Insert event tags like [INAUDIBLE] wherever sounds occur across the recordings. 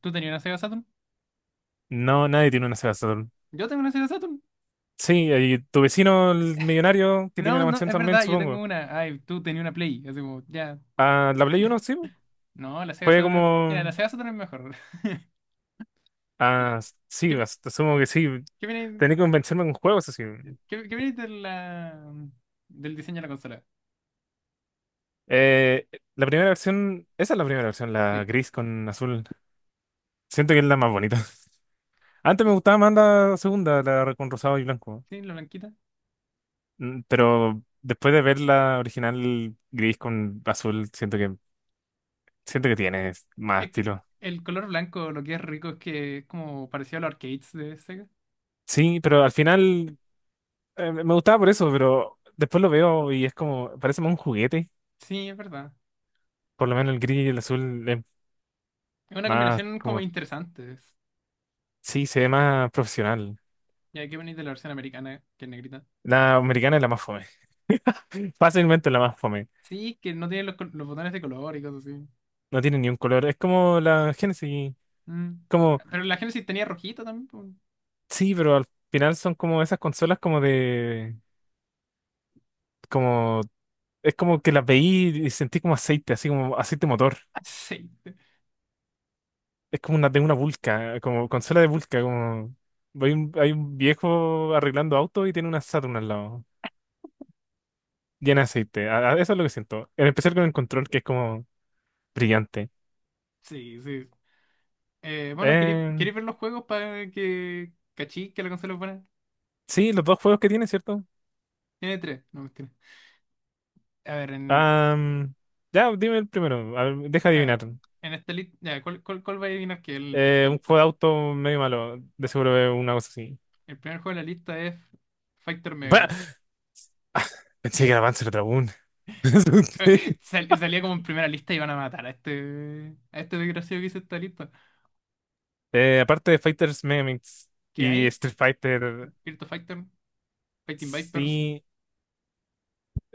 ¿Tú tenías una Sega Saturn? No, nadie tiene una Sega Saturn. Yo tengo una Sega Saturn. Sí, y tu vecino, el millonario que tiene No, la no, mansión es también, verdad, yo tengo supongo. una. Ay, tú tenías una Play. Así como, ya. Ah, la Play Uno, sí. No, la Sega Fue Saturn. Mira, la como. Sega Saturn es mejor. [LAUGHS] Mira, Ah, sí, ¿qué, asumo que sí. qué viene, Tenía que convencerme con juegos así. qué viene de del diseño de la consola? Eh, la primera versión, esa es la primera versión, la Sí, gris con azul. Siento que es la más bonita. [LAUGHS] Antes me gustaba más la segunda, la con rosado y blanco. sí, la blanquita. Pero después de ver la original gris con azul, siento que tiene más Es que estilo. el color blanco lo que es rico es que es como parecido a los arcades de Sega. Sí, pero al final me gustaba por eso, pero después lo veo y es como, parece más un juguete. Sí, es verdad. Por lo menos el gris y el azul es Es una más combinación como como, interesante. Sí, se ve más profesional. Ya que venís de la versión americana, que es negrita. La americana es la más fome. [LAUGHS] Es que- Fácilmente la más fome. sí, que no tiene los botones de color y cosas así. No tiene ni un color. Es como la Genesis. Mm. Como, Pero la Genesis tenía rojito también, pues. sí, pero al final son como esas consolas como de, como, es como que las veí y sentí como aceite, así como aceite motor. Aceite. Es como una de una vulca, como consola de vulca, como hay un viejo arreglando auto y tiene una Saturn al lado, llena de aceite. Eso es lo que siento. En especial con el control, que es como brillante. Sí, sí. Bueno, ¿queréis Eh, queréis ver los juegos para que cachí que la consola es buena? sí, los dos juegos que tiene, ¿cierto? Tiene tres, no mentira. A ver, en, Am, ya, dime el primero. A ver, deja a adivinar. ver, en esta lista. Ya, ¿cuál va a adivinar que es el de esta Un juego lista? de auto medio malo, de seguro es una cosa así. El primer juego de la lista es Fighter Bah, Megamix. pensé que era Panzer Dragoon. [LAUGHS] Me asusté. [LAUGHS] Salía como en primera lista y van a matar a este desgraciado que hizo esta lista. Aparte de Fighters Megamix Que y hay Street Fighter, Virtua Fighter, Fighting Vipers. sí.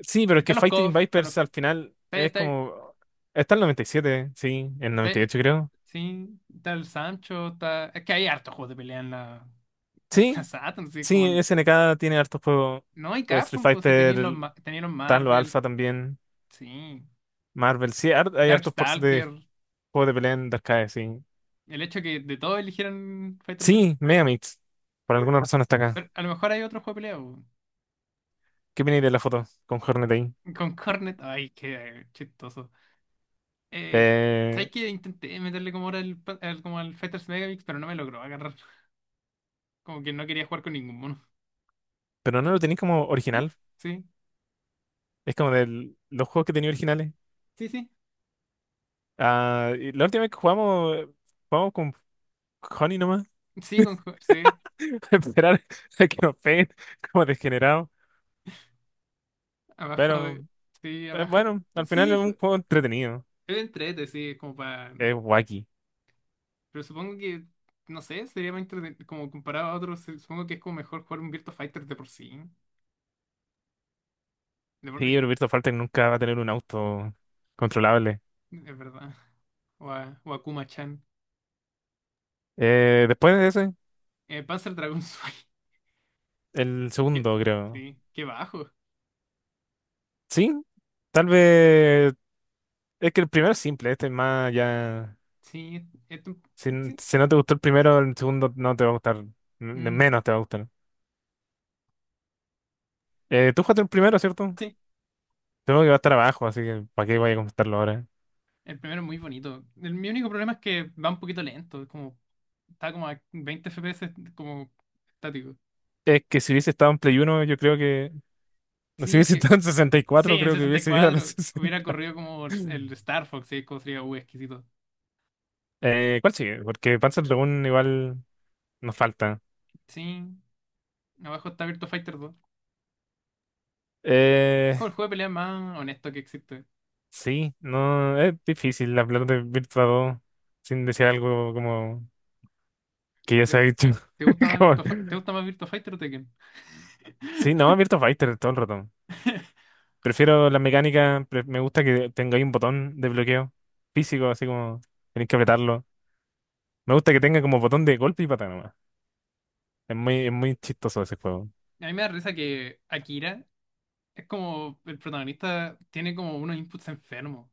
Sí, pero es que Están los Fighting CoF, están los. Vipers al final es está como... Está el 97, sí, el Está, está, 98 creo. Sí, está el Sancho, está... Es que hay hartos juegos de pelea en la, [LAUGHS] en la Sí, Saturn, sí, sí, como... SNK tiene hartos juegos. No hay Street Capcom, pues si tenéis Fighter, tenéis los están los Marvel, Alpha también, sí. Marvel, sí, hay hartos ports de Darkstalker, juegos de pelea en Dark Arcade, sí. el hecho que de todo eligieran Fighter Pelea. Sí, Megamix, por alguna razón está acá. Pero a lo mejor hay otro juego de pelea, po. ¿Qué viene de la foto con Hornet ahí? Con Cornet, ay, qué chistoso. Eh, Eh, ¿Sabes que intenté meterle como ahora como al Fighters Megamix, pero no me logró agarrar? [LAUGHS] Como que no quería jugar con ningún mono. pero no lo tenéis como Sí, original, sí, es como de los juegos que tenía originales. sí, sí, Ah, y la última vez que jugamos, jugamos con Honey nomás. sí, sí, [LAUGHS] Esperar a que nos peguen como degenerados. abajo Pero de... Sí, abajo. bueno, al final Sí, es un juego entretenido. es entrete, sí, es como para... Es wacky. Pero supongo que, no sé, sería más como comparado a otros, supongo que es como mejor jugar un Virtua Fighter de por sí. De Sí, por- pero Virtua Fighter nunca va a tener un auto controlable. Es verdad. [LAUGHS] O a Kuma-chan. Después de ese, Panzer Dragon Sway. el [LAUGHS] Qué- segundo, creo. Sí, qué bajo. Sí, tal vez. Es que el primero es simple, este es más ya. Sí, es un- Si, sí, si no te gustó el primero, el segundo no te va a gustar. Mm, Menos te va a gustar. Tú jugaste el primero, ¿cierto? sí, Tengo que va a estar abajo, así que ¿para qué voy a comentarlo ahora? el primero es muy bonito. Mi único problema es que va un poquito lento, es como... Está como a 20 FPS, como estático. Es que si hubiese estado en Play uno yo creo que. Si Sí, hubiese que... estado en sesenta y Sí, cuatro en creo que sesenta y hubiese ido a los [LAUGHS] cuatro hubiera 60. corrido como el Star Fox, sí, como sería, exquisito. ¿Cuál sigue? Porque Panzer Dragoon igual nos falta. Sí, abajo está Virtua Fighter dos. Es Eh, como el juego de pelea más honesto que existe. sí, no, es difícil hablar de Virtua 2 sin decir algo como que ya se ¿Te ha dicho. te gusta [LAUGHS] más Como- ¿te gusta más Virtua Fighter o Tekken? Sí, no, [LAUGHS] Virtua Fighter todo el rato. Prefiero la mecánica, me gusta que tenga ahí un botón de bloqueo físico, así como tenéis que apretarlo. Me gusta que tenga como botón de golpe y patada nomás. Es muy chistoso ese juego. A mí me da risa que Akira es como el protagonista tiene como unos inputs enfermos.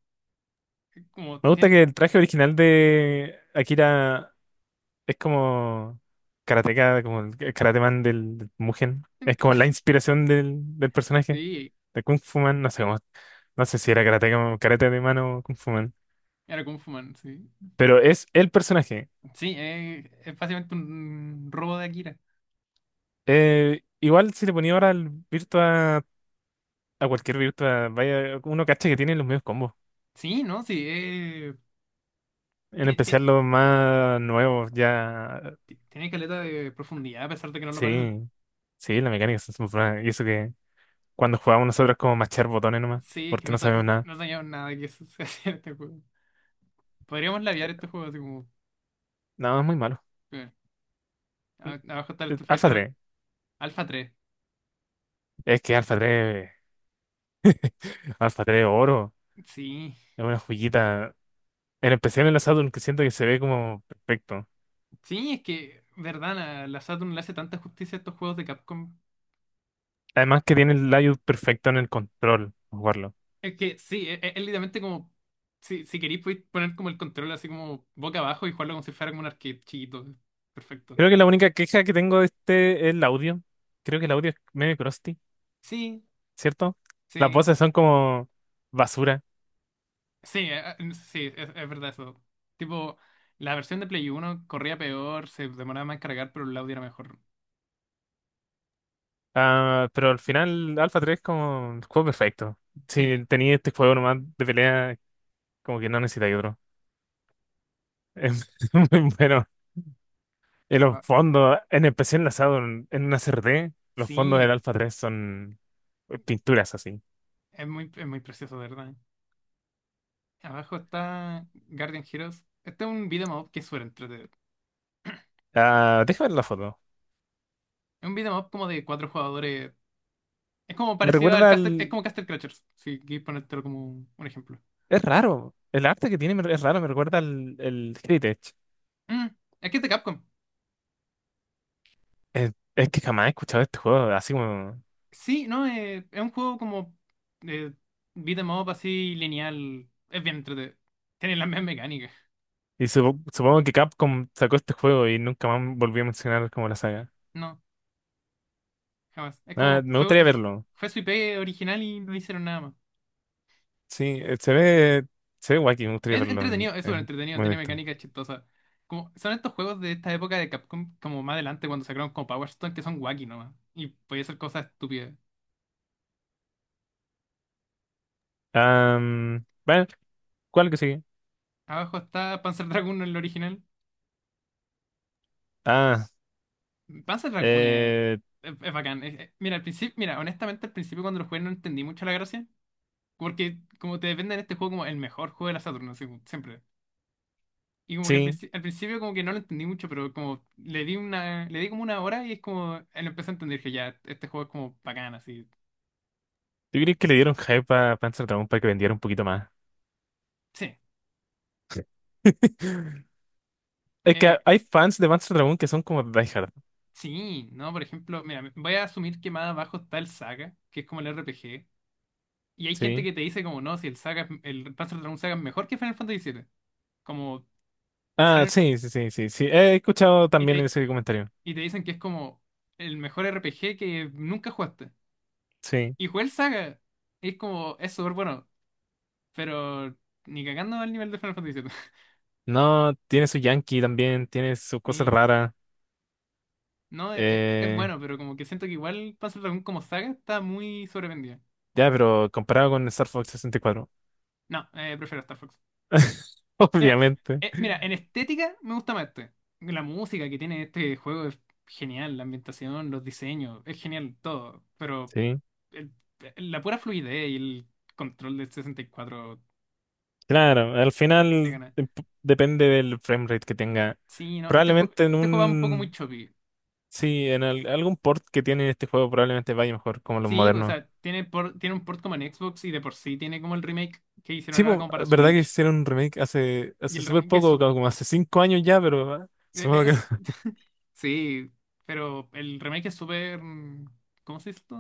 Es Como Me gusta tiene, que el traje original de Akira es como karateka, como el karate man del Mugen. tiene Es como cara- la inspiración del [LAUGHS] personaje Sí, de Kung Fu Man. No sé cómo, no sé si era karateka o karate de mano o Kung Fu Man. era Kung Fu Man, sí. Pero es el personaje. Sí, es básicamente un robo de Akira. Igual si le ponía ahora al Virtua, a cualquier Virtua, vaya, uno cacha que tiene los mismos combos. Sí, ¿no? Sí, En ti- ti- especial los más nuevos, ya. Tiene caleta de profundidad a pesar de que no lo parece. Sí, sí, la mecánica es muy buena. Y eso que cuando jugábamos nosotros como machar botones nomás, Sí, es que porque no, no sabemos nada. no sabíamos nada que eso [LAUGHS] se hacía en este juego. Podríamos labiar estos juegos así como. No, es muy malo. eh, Mm, Abajo está el Street Alpha Fighter Al- 3. Alpha tres. Es que Alpha 3, Alpha 3 oro, Sí. es una joyita. En especial en la Saturn, que siento que se ve como perfecto. Sí, es que, verdad, la Saturn le hace tanta justicia a estos juegos de Capcom. Además que tiene el layout perfecto en el control, para jugarlo. Es que sí, es literalmente como. Si, si queréis, podéis poner como el control así como boca abajo y jugarlo como si fuera como un arcade chiquito. Perfecto. Creo que la única queja que tengo de este es el audio. Creo que el audio es medio crusty, Sí, ¿cierto? Las sí, voces son como basura. sí, sí, es verdad eso. Tipo, la versión de Play Uno corría peor, se demoraba más en cargar, pero el audio era mejor. Ah, pero al final Alpha 3 es como el juego perfecto. Sí, Si tenía este juego nomás de pelea, como que no necesitáis otro. [LAUGHS] Es muy bueno. Y los ah, fondos, en especial enlazado en una CRT, los fondos del sí, Alpha 3 son pinturas así. Es muy precioso, de verdad. Abajo está Guardian Heroes. Este es un beat'em up que es súper entretenido. Ah, déjame ver la foto. Es un beat'em up como de cuatro jugadores. Es como Me parecido al recuerda Castle, es al... como Castle Crashers, si quieres ponértelo como un ejemplo. Es raro. El arte que tiene es raro, me recuerda al el Heritage. Mm, es que es de Capcom. Es que jamás he escuchado este juego, así como... Sí, no, es un juego como eh, beat'em up así lineal. Es bien entretenido. Tiene las mismas mecánicas. Y supongo que Capcom sacó este juego y nunca más volvió a mencionar como la saga. No, jamás. Es Ah, como me gustaría verlo. fue su IP original y no hicieron nada más. Sí, se ve... Se ve wacky, me gustaría Es verlo en, entretenido, es súper en entretenido, tiene movimiento. mecánicas chistosas. Como, son estos juegos de esta época de Capcom, como más adelante cuando sacaron como Power Stone, que son wacky nomás. Y podía hacer cosas estúpidas. Ah, bueno, ¿cuál que sigue? Abajo está Panzer Dragoon en el original. Ah, Panzer Dragoon es, eh... es, es bacán. Mira, al principio, mira, honestamente al principio cuando lo jugué no entendí mucho la gracia. Porque como te depende en este juego como el mejor juego de la Saturn, así como siempre. Y como que sí, al principio como que no lo entendí mucho, pero como le di una, le di como una hora y es como, lo empecé a entender que ya, este juego es como bacán, así. ¿tú crees que le dieron hype a Panzer Dragoon para que vendiera un poquito más? Sí. [LAUGHS] Es que eh, hay fans de Panzer Dragoon que son como diehard, Sí, no, por ejemplo, mira, voy a asumir que más abajo está el Saga, que es como el RPG, y hay gente ¿sí? que te dice como, no, si el Saga, el Panzer Dragoon Saga es mejor que Final Fantasy siete, como, Ah, salen- sí, sí, sí, sí, sí. He escuchado y también te, ese comentario. y te dicen que es como el mejor RPG que nunca jugaste, Sí. y jugué el Saga, es como, es súper bueno, pero ni cagando al nivel de Final Fantasy siete. [LAUGHS] No, tiene su Yankee también, tiene sus cosas Sí, raras. no, es Eh, bueno, pero como que siento que igual Panzer Dragoon como Saga está muy sobrevendido. ya, pero comparado con Star Fox 64. No, prefiero Star Fox. [LAUGHS] Mira, Obviamente. Mira, en estética me gusta más este. La música que tiene este juego es genial, la ambientación, los diseños, es genial todo, pero Sí. el- la pura fluidez y el control del 64 Claro, al le final gana. Depende del frame rate que tenga. Sí, no, Probablemente en este juego va un poco muy un. choppy. Sí, en algún port que tiene este juego probablemente vaya mejor, como los Sí, o modernos. sea, tiene, tiene un port como en Xbox y de por sí tiene como el remake que Sí, hicieron ahora po, como para ¿verdad que Switch. hicieron un remake hace Y hace el súper remake es, poco, como hace 5 años ya? Pero ah, e- supongo que... es- [LAUGHS] sí, pero el remake es súper... ¿Cómo se dice esto?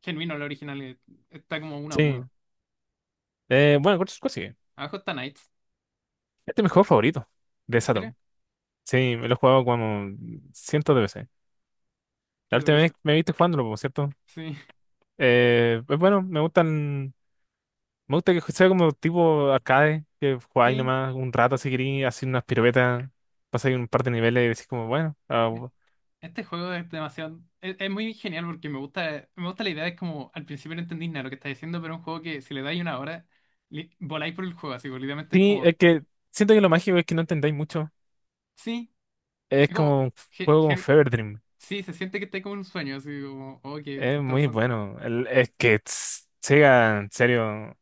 Genuino la original. Está como uno a Sí. uno. Bueno, ¿cuál sigue? Abajo está Knights. Este es mi juego favorito de ¿En serio? Saturn. Sí, me lo he jugado como cientos de veces. ¿Qué La te última vez parece? me viste jugándolo, por cierto. Sí, Pues bueno, me gustan... Me gusta que sea como tipo arcade, que [LAUGHS] jugáis sí. nomás un rato si queréis, hacer unas piruetas, pasáis un par de niveles y decís como, bueno, ah, me- Este juego es demasiado. Es muy genial porque me gusta la idea. Es como al principio no entendís nada lo que estás diciendo, pero es un juego que si le dais una hora, voláis por el juego. Así, básicamente es Sí, como. es que siento que lo mágico es que no entendáis mucho. Sí, Es es como. como un ge- juego como ge- Fever Dream. sí, se siente que estáis como en un sueño. Así como, oh, ¿qué, qué Es está muy pasando? bueno. Es que tss, Sega, en serio,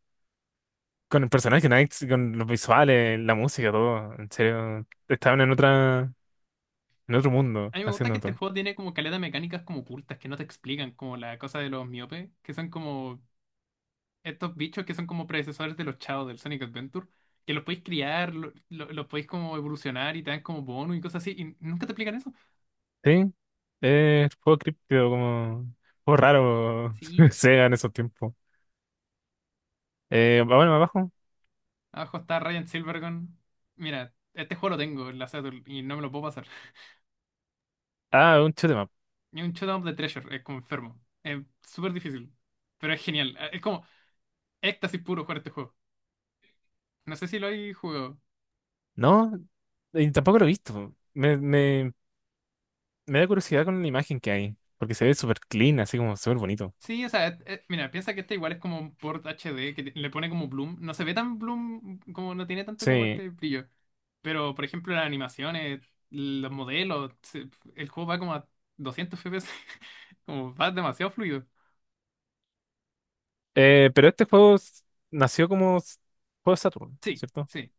con el personaje Knights, con los visuales, la música, todo, en serio, estaban en otra, en otro mundo A mí me gusta que haciendo este todo. juego tiene como caleta de mecánicas como ocultas que no te explican, como la cosa de los miopes, que son como estos bichos que son como predecesores de los chavos del Sonic Adventure, que los podéis criar, los podéis como evolucionar y te dan como bonus y cosas así, y nunca te explican eso. Sí, es juego críptico, como juego raro [LAUGHS] Sí, Sega en esos tiempos. Ah, bueno, abajo. abajo está Ryan Silvergun. Mira, este juego lo tengo en la Saturn y no me lo puedo pasar. Ah, un shoot 'em up. Y un Showdown of the Treasure, es como enfermo. Es súper difícil, pero es genial. Es como éxtasis puro jugar este juego. No sé si lo hay jugado. No, y tampoco lo he visto. Me da curiosidad con la imagen que hay, porque se ve súper clean, así como súper bonito. Sí, o sea, mira, piensa que este igual es como un port HD que le pone como bloom. No se ve tan bloom, como no tiene tanto como Sí, este brillo. Pero, por ejemplo, las animaciones, los modelos, el juego va como a 200 FPS. [LAUGHS] Como va demasiado fluido. Pero este juego nació como juego de Saturn, Sí, ¿cierto? sí.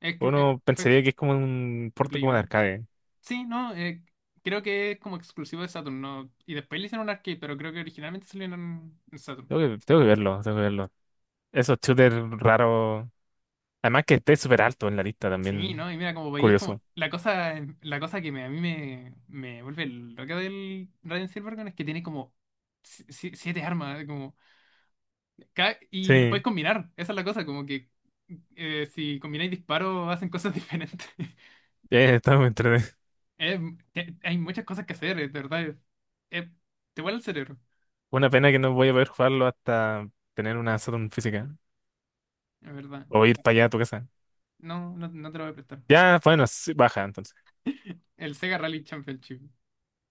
Exclu- eh, Uno fue pensaría ex- que es como un de porte Play como de 1. arcade. Sí, no, creo que es como exclusivo de Saturn, ¿no? Y después le hicieron un arcade, pero creo que originalmente salió en Saturn. Tengo que verlo, tengo que verlo. Esos shooters raros. Además que esté súper alto en la lista Sí, también. ¿no? Y mira, como veis, como Curioso. la cosa, em, la cosa que a mí me, me vuelve loca del Raiden Silvergun es que tiene como siete armas, ¿eh? Como y Sí, las puedes combinar. Esa es la cosa, como que si combináis disparos hacen cosas [LAUGHS] diferentes. está muy entretenido. Eh, Hay muchas cosas que hacer, es de verdad. Eh, Te vuela el cerebro, [LAUGHS] Una pena que no voy a poder jugarlo hasta tener una Saturn física. es verdad. O ir para allá a tu casa. No, no, no te lo voy a prestar. Ya, bueno, sí, baja entonces. El Sega Rally Championship.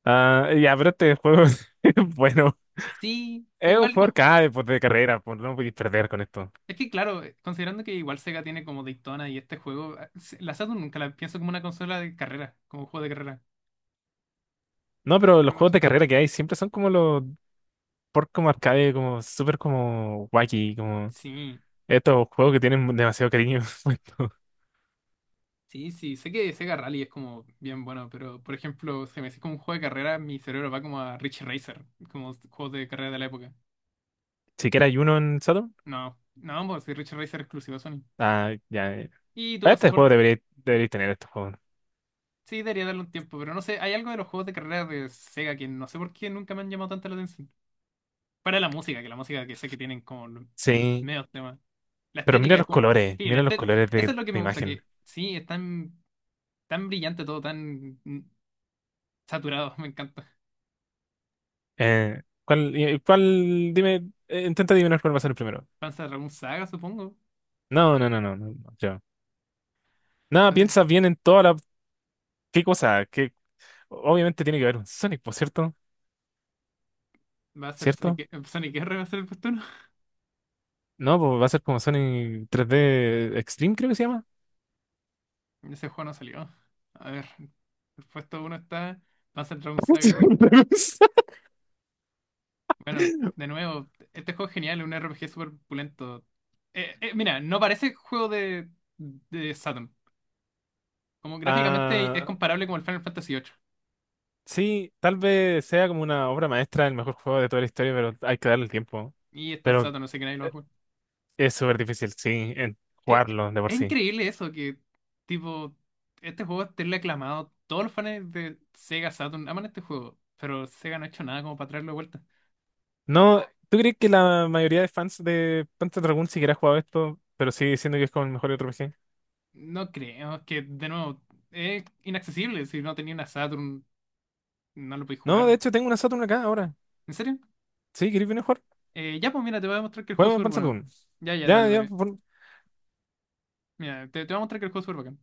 Ah, ya, pero este juego, [LAUGHS] es bueno. Sí, Es un igual jugador cada pues, de carrera, pues no podéis perder con esto. es que claro, considerando que igual Sega tiene como Daytona y este juego, la Saturn nunca la pienso como una consola de carrera, como un juego de carrera. No, pero Por los alguna juegos de razón. carrera que hay siempre son como los por como arcade, como súper como wacky, como Sí, estos juegos que tienen demasiado cariño. [LAUGHS] puesto. Sí, sé que Sega Rally es como bien bueno, pero por ejemplo, si me decís como un juego de carrera, mi cerebro va como a Rich Racer, como juegos de carrera de la época. Siquiera hay uno en Saturn. No, no, pues si Rich Racer es exclusivo a Sony. Ah, ya. Y Para tuvo este juego soporte. debería, Sí, debería tener estos juegos. sí, debería darle un tiempo, pero no sé, hay algo de los juegos de carrera de Sega que no sé por qué nunca me han llamado tanto la atención. Para la música que sé que tienen como los Sí, medios temas. La pero estética es como. Sí, la mira los estética. colores Eso de es lo que la me gusta, imagen. que sí, es tan, tan brillante todo, tan saturado. [LAUGHS] Me encanta. ¿Cuál, cuál, dime, intenta adivinar cuál va a ser el primero? Van a un Saga, supongo. No, no, no, no, no, no, yo. No, A ver, piensa bien en toda la, qué cosa, que obviamente tiene que haber un Sonic, por cierto. va a ser Sonic, ¿Cierto? Sonic R, va a ser el puesto uno. No, pues va a ser como Sonic 3D Extreme, creo que se llama. [LAUGHS] Ese juego no salió. A ver, el puesto uno está Panzer Dragoon Saga. [LAUGHS] Bueno, de nuevo, este juego es genial, es un RPG súper pulento. Mira, no parece juego de Saturn. Como gráficamente es Ah, comparable como el Final Fantasy ocho. sí, tal vez sea como una obra maestra, el mejor juego de toda la historia, pero hay que darle el tiempo. Y está en Pero Saturn, no sé qué nadie lo va a eh, jugar. es súper difícil, sí, en Es, es- jugarlo de por es sí. increíble eso, que tipo, este juego esté aclamado. Todos los fans de Sega Saturn aman este juego, pero Sega no ha hecho nada como para traerlo de vuelta. No, ¿tú crees que la mayoría de fans de Panzer Dragoon siquiera ha jugado esto, pero sigue diciendo que es como el mejor RPG? No creo, que de nuevo, es inaccesible. Si no tenía una Saturn, no lo podéis No, de jugar. hecho tengo una Saturn acá ahora. ¿En serio? Sí, ¿queréis venir a jugar? Ya, pues mira, te voy a mostrar que el juego es Juego súper Panzer bueno. Dragoon. Ya, ya, Ya, dale, dale. ya, Mira, te voy a mostrar que el juego es súper bacán.